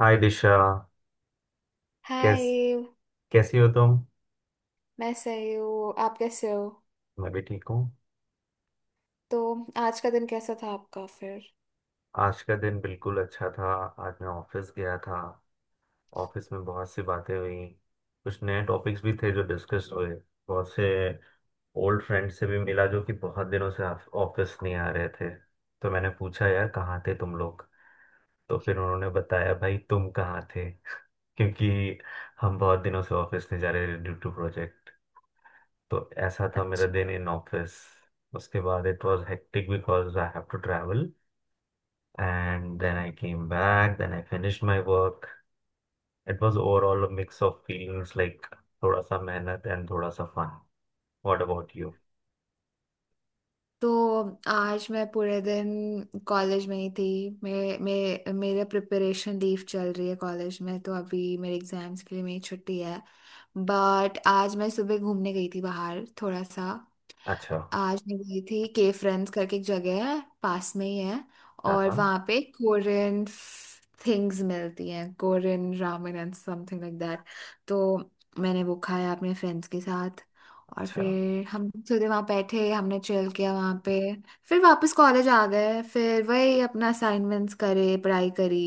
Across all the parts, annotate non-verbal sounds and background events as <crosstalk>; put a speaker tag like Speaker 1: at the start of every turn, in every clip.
Speaker 1: हाय दिशा। कैस
Speaker 2: हाय।
Speaker 1: कैसी हो तुम?
Speaker 2: मैं सही हूँ। आप कैसे हो?
Speaker 1: मैं भी ठीक हूँ।
Speaker 2: तो आज का दिन कैसा था आपका, फिर?
Speaker 1: आज का दिन बिल्कुल अच्छा था। आज मैं ऑफिस गया था। ऑफिस में बहुत सी बातें हुई। कुछ नए टॉपिक्स भी थे जो डिस्कस हुए। बहुत से ओल्ड फ्रेंड से भी मिला जो कि बहुत दिनों से ऑफिस नहीं आ रहे थे। तो मैंने पूछा, यार कहाँ थे तुम लोग। तो फिर उन्होंने बताया, भाई तुम कहाँ थे। <laughs> क्योंकि हम बहुत दिनों से ऑफिस नहीं जा रहे ड्यू टू प्रोजेक्ट। तो ऐसा था मेरा दिन इन ऑफिस। उसके बाद it was hectic because I have to travel, and then I came back, then I finish my work. It was overall a mix of feelings, like थोड़ा सा मेहनत एंड थोड़ा सा फन। What about you?
Speaker 2: तो आज मैं पूरे दिन कॉलेज में ही थी। मेरे मेरे मेरा प्रिपरेशन लीव चल रही है कॉलेज में, तो अभी मेरे एग्जाम्स के लिए मेरी छुट्टी है। बट आज मैं सुबह घूमने गई थी बाहर थोड़ा सा।
Speaker 1: अच्छा।
Speaker 2: आज मैं गई थी के फ्रेंड्स करके, एक जगह है पास में ही है।
Speaker 1: हाँ
Speaker 2: और
Speaker 1: हाँ।
Speaker 2: वहाँ पे कोरियन थिंग्स मिलती हैं, Korean ramen and something like that. तो मैंने वो खाया अपने फ्रेंड्स के साथ। और
Speaker 1: अच्छा।
Speaker 2: फिर हम सीधे वहाँ बैठे, हमने चिल किया वहाँ पे। फिर वापस कॉलेज आ गए, फिर वही अपना असाइनमेंट्स करे, पढ़ाई करी।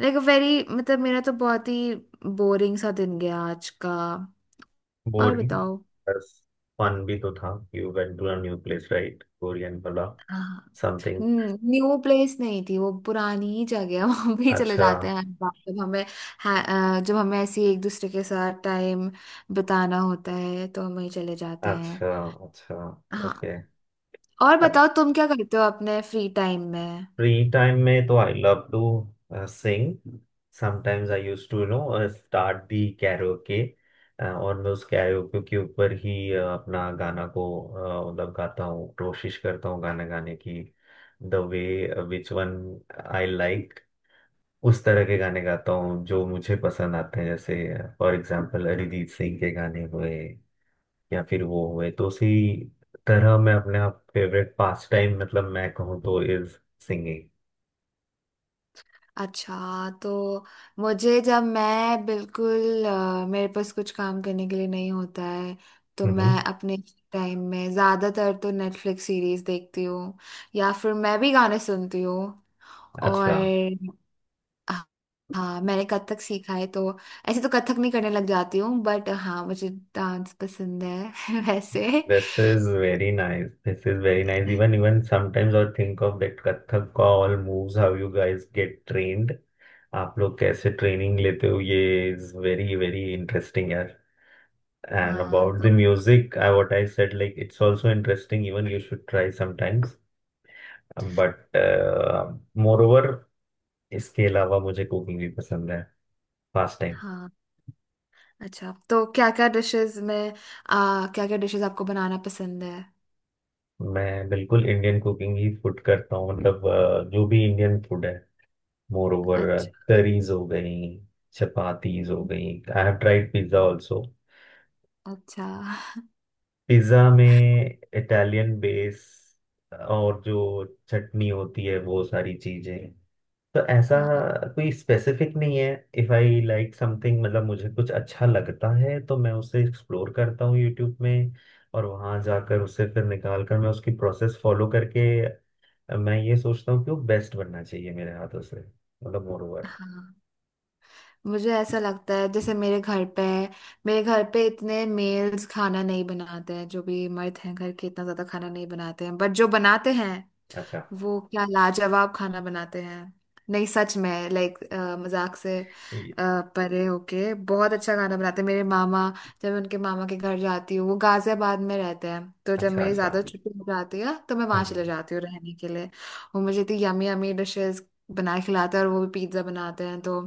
Speaker 2: लाइक वेरी मतलब मेरा तो बहुत ही बोरिंग सा दिन गया आज का। और
Speaker 1: बोरिंग।
Speaker 2: बताओ?
Speaker 1: बस, फन भी तो था। You went to a new place right, Korean वाला
Speaker 2: हाँ।
Speaker 1: समथिंग।
Speaker 2: न्यू प्लेस नहीं थी, वो पुरानी ही जगह है, <laughs> वहां भी चले
Speaker 1: अच्छा।
Speaker 2: जाते हैं हर बार जब हमें जब हमें ऐसे ही एक दूसरे के साथ टाइम बिताना होता है तो हम वहीं चले जाते हैं।
Speaker 1: अच्छा। अच्छा।
Speaker 2: हाँ।
Speaker 1: ओके।
Speaker 2: और बताओ, तुम क्या करते हो अपने फ्री टाइम में?
Speaker 1: फ्री टाइम में तो I love to sing. Sometimes I use to no start the karaoke, और मैं उस कैरोके के ऊपर ही अपना गाना को, मतलब गाता हूँ, कोशिश करता हूँ गाना गाने की। The way which one I like, उस तरह के गाने गाता हूँ जो मुझे पसंद आते हैं, जैसे फॉर एग्जाम्पल अरिजीत सिंह के गाने हुए, या फिर वो हुए। तो उसी तरह मैं अपने आप फेवरेट पास टाइम मतलब मैं कहूँ तो इज सिंगिंग।
Speaker 2: अच्छा। तो मुझे जब मैं बिल्कुल मेरे पास कुछ काम करने के लिए नहीं होता है तो मैं अपने टाइम में ज्यादातर तो नेटफ्लिक्स सीरीज देखती हूँ, या फिर मैं भी गाने सुनती हूँ। और
Speaker 1: अच्छा।
Speaker 2: हाँ। हाँ, मैंने कथक सीखा है, तो ऐसे तो कथक नहीं करने लग जाती हूँ, बट हाँ मुझे डांस पसंद है <laughs> वैसे।
Speaker 1: This is very nice, this is very nice. Even even sometimes और थिंक ऑफ दैट कथक का all moves, how you guys get trained, आप लोग कैसे ट्रेनिंग लेते हो, ये इज वेरी वेरी इंटरेस्टिंग यार। एंड
Speaker 2: हाँ,
Speaker 1: अबाउट
Speaker 2: तो
Speaker 1: the music, I what I said like, it's also interesting, even you should try sometimes. But moreover, इसके अलावा मुझे कुकिंग भी पसंद है फास्ट टाइम।
Speaker 2: हाँ। अच्छा, तो क्या क्या डिशेस में आ, क्या क्या डिशेस आपको बनाना पसंद है?
Speaker 1: मैं बिल्कुल इंडियन कुकिंग ही फूड करता हूँ, मतलब जो भी इंडियन फूड है। मोर ओवर
Speaker 2: अच्छा।
Speaker 1: तरीज हो गई, चपातीज हो गई। I have tried pizza also.
Speaker 2: अच्छा।
Speaker 1: पिज्जा में इटालियन बेस और जो चटनी होती है, वो सारी चीजें। तो ऐसा
Speaker 2: हाँ।
Speaker 1: कोई स्पेसिफिक नहीं है। इफ आई लाइक समथिंग, मतलब मुझे कुछ अच्छा लगता है, तो मैं उसे एक्सप्लोर करता हूँ यूट्यूब में, और वहां जाकर उसे फिर निकाल कर मैं उसकी प्रोसेस फॉलो करके मैं ये सोचता हूँ कि वो बेस्ट बनना चाहिए मेरे हाथों से, मतलब मोर ओवर।
Speaker 2: हाँ। मुझे ऐसा लगता है, जैसे मेरे घर पे इतने मेल्स खाना नहीं बनाते हैं, जो भी मर्द हैं घर के इतना ज्यादा खाना नहीं बनाते हैं, बट जो बनाते हैं
Speaker 1: अच्छा।
Speaker 2: वो क्या लाजवाब खाना बनाते हैं। नहीं सच में, लाइक मजाक से परे होके बहुत अच्छा खाना बनाते हैं मेरे मामा। जब मैं उनके मामा के घर जाती हूँ, वो गाजियाबाद में रहते हैं, तो जब
Speaker 1: अच्छा।
Speaker 2: मेरी
Speaker 1: अच्छा।
Speaker 2: ज्यादा
Speaker 1: हम्म।
Speaker 2: छुट्टी हो जाती है तो मैं वहां चले
Speaker 1: हम्म,
Speaker 2: जाती हूँ रहने के लिए। वो मुझे इतनी यमी यमी डिशेस बना के खिलाते हैं, और वो भी पिज्जा बनाते हैं, तो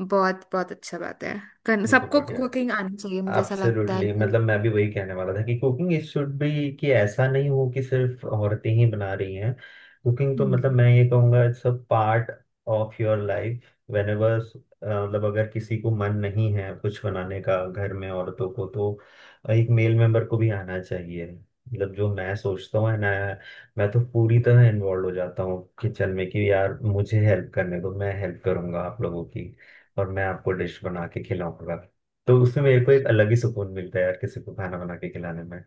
Speaker 2: बहुत बहुत अच्छा बात है।
Speaker 1: ये तो
Speaker 2: सबको
Speaker 1: बढ़िया
Speaker 2: कुकिंग आनी चाहिए,
Speaker 1: है।
Speaker 2: मुझे ऐसा लगता है
Speaker 1: एब्सोल्युटली,
Speaker 2: कि।
Speaker 1: मतलब मैं भी वही कहने वाला था कि कुकिंग इज शुड बी, कि ऐसा नहीं हो कि सिर्फ औरतें ही बना रही हैं। कुकिंग तो मतलब
Speaker 2: हम्म।
Speaker 1: मैं ये कहूँगा it's a part of your life, whenever मतलब अगर किसी को मन नहीं है कुछ बनाने का घर में, औरतों को, तो एक मेल मेंबर को भी आना चाहिए। मतलब जो मैं सोचता हूँ ना, मैं तो पूरी तरह इन्वॉल्व हो जाता हूँ किचन में कि यार मुझे हेल्प करने दो, मैं हेल्प करूंगा आप लोगों की, और मैं आपको डिश बना के खिलाऊंगा। तो उसमें मेरे को एक अलग ही सुकून मिलता है यार, किसी को खाना बना के खिलाने में।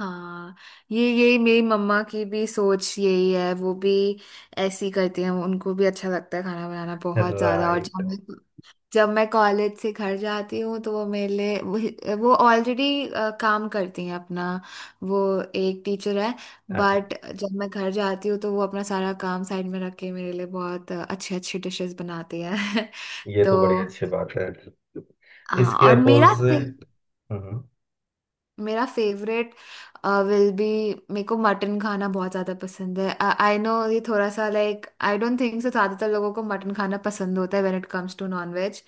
Speaker 2: हाँ। ये यही मेरी मम्मा की भी सोच यही है, वो भी ऐसी करती हैं, उनको भी अच्छा लगता है खाना बनाना बहुत ज्यादा। और जब
Speaker 1: राइट।
Speaker 2: मैं जब मैं कॉलेज से घर जाती हूँ तो वो मेरे लिए वो ऑलरेडी काम करती हैं अपना। वो एक टीचर है।
Speaker 1: अच्छा।
Speaker 2: बट जब मैं घर जाती हूँ तो वो अपना सारा काम साइड में रख के मेरे लिए बहुत अच्छे अच्छे डिशेस बनाती है।
Speaker 1: ये
Speaker 2: <laughs>
Speaker 1: तो बड़ी अच्छी
Speaker 2: तो
Speaker 1: बात है।
Speaker 2: हाँ।
Speaker 1: इसके
Speaker 2: और मेरा
Speaker 1: अपोजिट। हम्म।
Speaker 2: मेरा फेवरेट विल बी, मेरे को मटन खाना बहुत ज़्यादा पसंद है। आई नो ये थोड़ा सा, like I don't think so ज़्यादातर लोगों को मटन खाना पसंद होता है when it comes to non veg,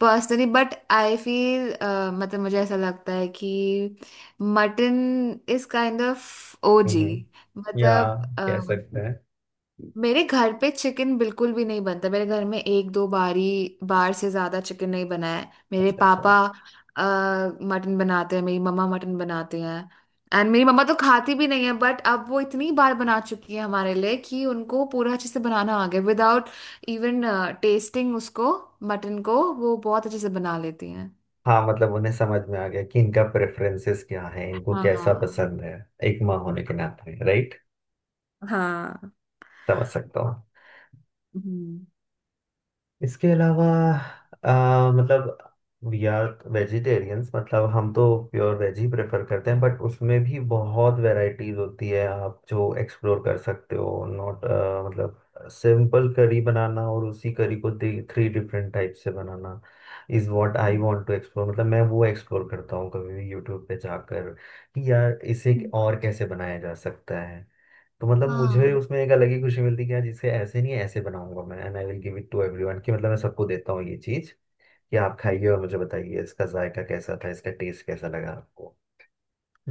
Speaker 2: personally, but I feel, मतलब मुझे ऐसा लगता है कि mutton is kind of
Speaker 1: hmm.
Speaker 2: ओजी।
Speaker 1: या
Speaker 2: मतलब
Speaker 1: कह सकते हैं।
Speaker 2: मेरे घर पे चिकन बिल्कुल भी नहीं बनता, मेरे घर में एक दो बार से ज्यादा चिकन नहीं बना है। मेरे
Speaker 1: अच्छा। अच्छा।
Speaker 2: पापा मटन बनाते हैं, मेरी मम्मा मटन बनाते हैं। एंड मेरी मम्मा तो खाती भी नहीं है, बट अब वो इतनी बार बना चुकी है हमारे लिए कि उनको पूरा अच्छे से बनाना आ गया विदाउट इवन टेस्टिंग उसको, मटन को वो बहुत अच्छे से बना लेती हैं।
Speaker 1: हाँ, मतलब उन्हें समझ में आ गया कि इनका प्रेफरेंसेस क्या है, इनको कैसा
Speaker 2: हाँ।
Speaker 1: पसंद है। एक माँ होने के नाते राइट,
Speaker 2: हाँ।
Speaker 1: समझ सकता हूँ।
Speaker 2: हम्म।
Speaker 1: इसके अलावा मतलब वी आर वेजिटेरियंस, मतलब हम तो प्योर वेज ही प्रेफर करते हैं। बट उसमें भी बहुत वैरायटीज होती है, आप जो एक्सप्लोर कर सकते हो। नॉट मतलब सिंपल करी बनाना, और उसी करी को थ्री डिफरेंट टाइप से बनाना is what I
Speaker 2: hmm.
Speaker 1: Want to explore. मतलब मैं वो एक्सप्लोर करता हूँ कभी भी यूट्यूब पे जाकर कि यार इसे और कैसे बनाया जा सकता है। तो मतलब मुझे
Speaker 2: हाँ।
Speaker 1: उसमें एक अलग ही खुशी मिलती है कि यार जिसे ऐसे नहीं, ऐसे बनाऊंगा मैं, and I will give it to everyone, कि मतलब मैं सबको देता हूँ ये चीज, कि आप
Speaker 2: हम्म।
Speaker 1: खाइए और मुझे बताइए इसका जायका कैसा था, इसका टेस्ट कैसा लगा आपको।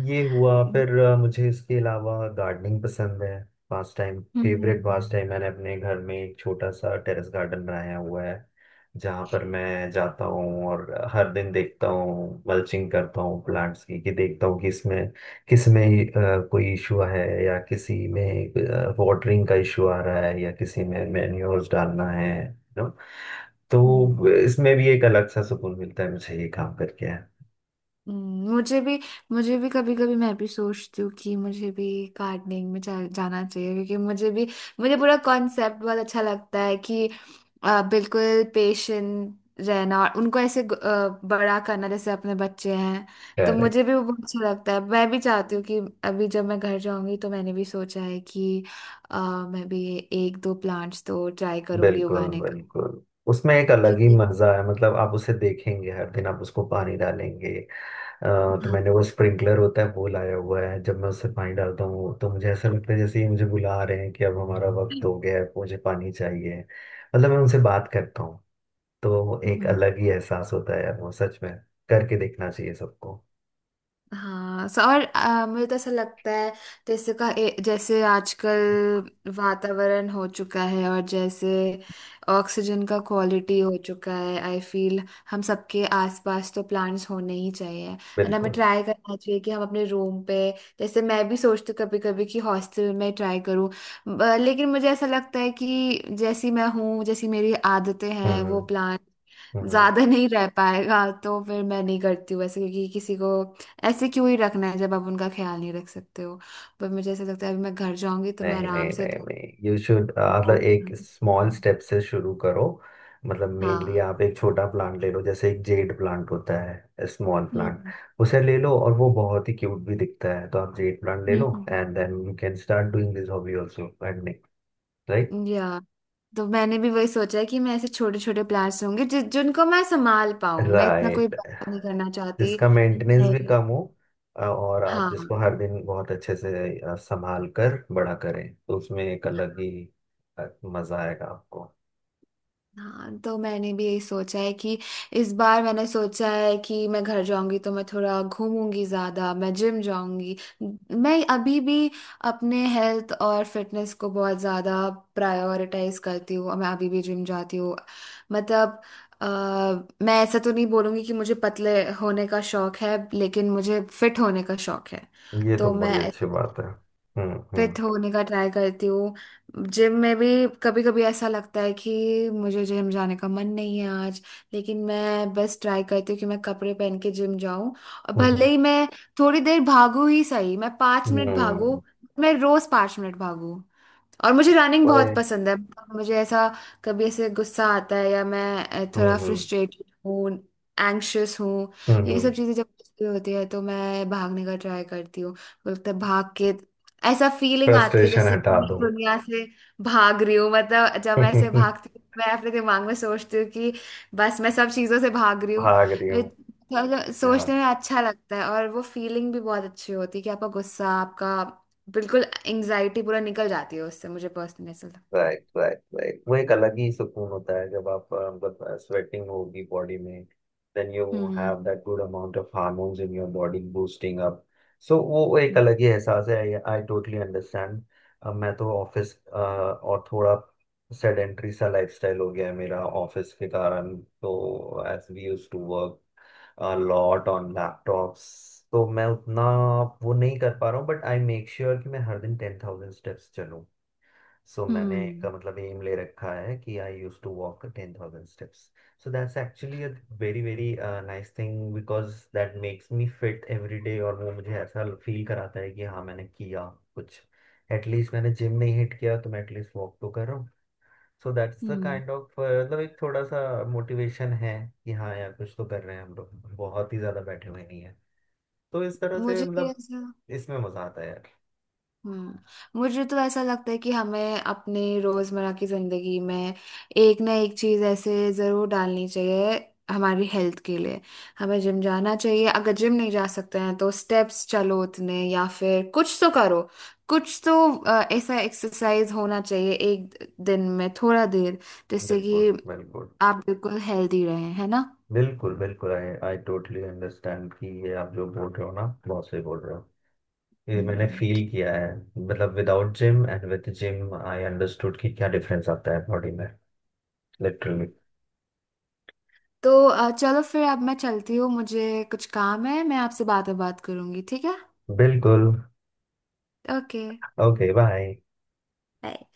Speaker 1: ये हुआ। फिर मुझे इसके अलावा गार्डनिंग पसंद है। Pastime, favourite
Speaker 2: hmm.
Speaker 1: Pastime. मैंने अपने घर में एक छोटा सा टेरेस गार्डन बनाया हुआ है, जहाँ पर मैं जाता हूँ और हर दिन देखता हूँ, मल्चिंग करता हूँ प्लांट्स की, कि देखता हूँ कि इसमें, किस में कोई इशू है, या किसी में वाटरिंग का इशू आ रहा है, या किसी में मैन्योर्स डालना है, नो।
Speaker 2: हम्म।
Speaker 1: तो इसमें भी एक अलग सा सुकून मिलता है मुझे ये काम करके।
Speaker 2: हम्म। मुझे भी कभी कभी मैं भी सोचती हूँ कि मुझे भी गार्डनिंग में जाना चाहिए, क्योंकि मुझे पूरा कॉन्सेप्ट बहुत अच्छा लगता है कि बिल्कुल पेशेंट रहना और उनको ऐसे बड़ा करना जैसे अपने बच्चे हैं। तो मुझे भी वो बहुत अच्छा लगता है, मैं भी चाहती हूँ कि अभी जब मैं घर जाऊंगी तो मैंने भी सोचा है कि अ, मैं भी एक दो प्लांट्स तो ट्राई करूंगी
Speaker 1: बिल्कुल
Speaker 2: उगाने का।
Speaker 1: बिल्कुल। उसमें एक अलग ही
Speaker 2: क्योंकि
Speaker 1: मजा है, मतलब आप उसे देखेंगे हर दिन, आप उसको पानी डालेंगे। अ, तो मैंने
Speaker 2: हाँ।
Speaker 1: वो स्प्रिंकलर होता है वो लाया हुआ है, जब मैं उससे पानी डालता हूँ तो मुझे ऐसा लगता है जैसे ही मुझे बुला रहे हैं, कि अब हमारा वक्त हो गया है, मुझे पानी चाहिए। मतलब मैं उनसे बात करता हूँ। तो एक
Speaker 2: हम्म।
Speaker 1: अलग ही एहसास होता है यार, वो सच में करके देखना चाहिए सबको।
Speaker 2: हाँ। और मुझे तो ऐसा लगता है जैसे जैसे आजकल वातावरण हो चुका है, और जैसे ऑक्सीजन का क्वालिटी हो चुका है, आई फील हम सबके आसपास तो प्लांट्स होने ही चाहिए। एंड हमें
Speaker 1: बिल्कुल।
Speaker 2: ट्राई करना चाहिए कि हम अपने रूम पे, जैसे मैं भी सोचती हूँ कभी कभी कि हॉस्टल में ट्राई करूँ, लेकिन मुझे ऐसा लगता है कि जैसी मैं हूँ, जैसी मेरी आदतें हैं,
Speaker 1: हम्म।
Speaker 2: वो
Speaker 1: हम्म।
Speaker 2: प्लांट
Speaker 1: हम्म।
Speaker 2: ज्यादा नहीं रह पाएगा तो फिर मैं नहीं करती हूँ ऐसे, क्योंकि किसी को ऐसे क्यों ही रखना है जब आप उनका ख्याल नहीं रख सकते हो। पर मुझे ऐसा लगता है अभी मैं घर जाऊंगी तो मैं
Speaker 1: नहीं
Speaker 2: आराम
Speaker 1: नहीं
Speaker 2: से
Speaker 1: नहीं
Speaker 2: दो,
Speaker 1: नहीं यू शुड मतलब
Speaker 2: दो।
Speaker 1: एक स्मॉल स्टेप से शुरू करो। मतलब मेनली
Speaker 2: हाँ।
Speaker 1: आप एक छोटा प्लांट ले लो, जैसे एक जेड प्लांट होता है, स्मॉल प्लांट,
Speaker 2: हम्म।
Speaker 1: उसे ले लो, और वो बहुत ही क्यूट भी दिखता है। तो आप जेड प्लांट ले लो,
Speaker 2: hmm.
Speaker 1: And then you can start doing this hobby also, gardening right.
Speaker 2: Hmm. या, तो मैंने भी वही सोचा है कि मैं ऐसे छोटे छोटे प्लांट्स होंगे जिनको मैं संभाल पाऊं, मैं इतना कोई
Speaker 1: राइट,
Speaker 2: बड़ा नहीं करना चाहती।
Speaker 1: जिसका मेंटेनेंस भी
Speaker 2: नहीं।
Speaker 1: कम हो। और आप
Speaker 2: हाँ।
Speaker 1: जिसको हर दिन बहुत अच्छे से संभाल कर बड़ा करें, तो उसमें एक अलग ही अ, मजा आएगा आपको।
Speaker 2: हाँ। तो मैंने भी यही सोचा है कि इस बार मैंने सोचा है कि मैं घर जाऊंगी तो मैं थोड़ा घूमूंगी ज्यादा, मैं जिम जाऊंगी। मैं अभी भी अपने हेल्थ और फिटनेस को बहुत ज्यादा प्रायोरिटाइज करती हूँ, और मैं अभी भी जिम जाती हूँ। मतलब अ, मैं ऐसा तो नहीं बोलूंगी कि मुझे पतले होने का शौक है, लेकिन मुझे फिट होने का शौक है।
Speaker 1: ये तो
Speaker 2: तो
Speaker 1: बड़ी
Speaker 2: मैं
Speaker 1: अच्छी बात है। हम्म। हम्म।
Speaker 2: फिट होने का ट्राई करती हूँ। जिम में भी कभी कभी ऐसा लगता है कि मुझे जिम जाने का मन नहीं है आज, लेकिन मैं बस ट्राई करती हूँ कि मैं कपड़े पहन के जिम जाऊं, और भले
Speaker 1: हम्म।
Speaker 2: ही मैं थोड़ी देर भागू ही सही, मैं पाँच
Speaker 1: हम्म,
Speaker 2: मिनट
Speaker 1: हम्म,
Speaker 2: भागू। मैं रोज 5 मिनट भागू, और मुझे रनिंग बहुत
Speaker 1: वही।
Speaker 2: पसंद है। मुझे ऐसा कभी ऐसे गुस्सा आता है, या मैं थोड़ा
Speaker 1: हम्म।
Speaker 2: फ्रस्ट्रेटेड हूँ, एंग्शियस हूँ। ये
Speaker 1: हम्म।
Speaker 2: सब चीजें जब मुझे होती है तो मैं भागने का ट्राई करती हूँ, बोलते भाग के ऐसा फीलिंग आती है
Speaker 1: फ्रस्ट्रेशन
Speaker 2: जैसे कि
Speaker 1: हटा
Speaker 2: मैं
Speaker 1: दो।
Speaker 2: दुनिया से भाग रही हूँ। मतलब जब मैं ऐसे
Speaker 1: <laughs>
Speaker 2: भागती हूँ मैं अपने दिमाग में सोचती हूँ कि बस मैं सब चीजों से भाग रही हूँ।
Speaker 1: भाग रही
Speaker 2: वे-
Speaker 1: हूँ।
Speaker 2: मतलब सोचने में अच्छा लगता है, और वो फीलिंग भी बहुत अच्छी होती है कि आपका गुस्सा, आपका बिल्कुल एंग्जाइटी पूरा निकल जाती है उससे, मुझे पर्सनली ऐसा लगता है।
Speaker 1: राइट राइट राइट, वो एक अलग ही सुकून होता है जब आप मतलब स्वेटिंग होगी बॉडी में, then you
Speaker 2: hmm.
Speaker 1: Have that good amount of hormones in your body boosting up. So वो एक
Speaker 2: हम्म।
Speaker 1: अलग ही एहसास है, आई टोटली अंडरस्टैंड। मैं तो ऑफिस, और थोड़ा सेडेंट्री सा लाइफस्टाइल हो गया है मेरा ऑफिस के कारण, तो as we use to work lot on laptops, तो मैं उतना वो नहीं कर पा रहा हूँ। बट आई मेक श्योर कि मैं हर दिन टेन थाउजेंड स्टेप्स चलूँ। सो मैंने एक
Speaker 2: हम्म।
Speaker 1: मतलब एम ले रखा है कि I use to walk ten thousand steps. So that's actually a very very nice thing, because that makes me fit every day, और वो मुझे ऐसा फील कराता है कि हाँ मैंने किया कुछ, एटलीस्ट मैंने जिम नहीं हिट किया तो मैं एटलीस्ट वॉक तो कर रहा हूँ। So that's the
Speaker 2: hmm.
Speaker 1: Kind of मतलब एक थोड़ा सा मोटिवेशन है कि हाँ यार कुछ तो कर रहे हैं हम लोग, बहुत ही ज्यादा बैठे हुए नहीं है। तो इस तरह से
Speaker 2: मुझे तो
Speaker 1: मतलब
Speaker 2: ऐसा
Speaker 1: इसमें मजा आता है यार।
Speaker 2: मुझे तो ऐसा लगता है कि हमें अपने रोजमर्रा की जिंदगी में एक ना एक चीज ऐसे जरूर डालनी चाहिए हमारी हेल्थ के लिए। हमें जिम जाना चाहिए, अगर जिम नहीं जा सकते हैं तो स्टेप्स चलो उतने, या फिर कुछ तो करो, कुछ तो ऐसा एक्सरसाइज होना चाहिए एक दिन में थोड़ा देर, जिससे
Speaker 1: बिल्कुल
Speaker 2: कि
Speaker 1: बिल्कुल।
Speaker 2: आप बिल्कुल हेल्दी रहें, है ना?
Speaker 1: बिल्कुल बिल्कुल, आई आई टोटली अंडरस्टैंड कि ये आप जो बोल रहे हो ना, बहुत सही बोल रहे हो। ये मैंने
Speaker 2: हम्म।
Speaker 1: फील किया है। मतलब without gym and with gym I understood कि क्या डिफरेंस आता है बॉडी में, लिटरली।
Speaker 2: तो चलो, फिर अब मैं चलती हूँ, मुझे कुछ काम है, मैं आपसे बाद में बात करूंगी, ठीक है?
Speaker 1: बिल्कुल।
Speaker 2: ओके।
Speaker 1: ओके। बाय।
Speaker 2: Bye।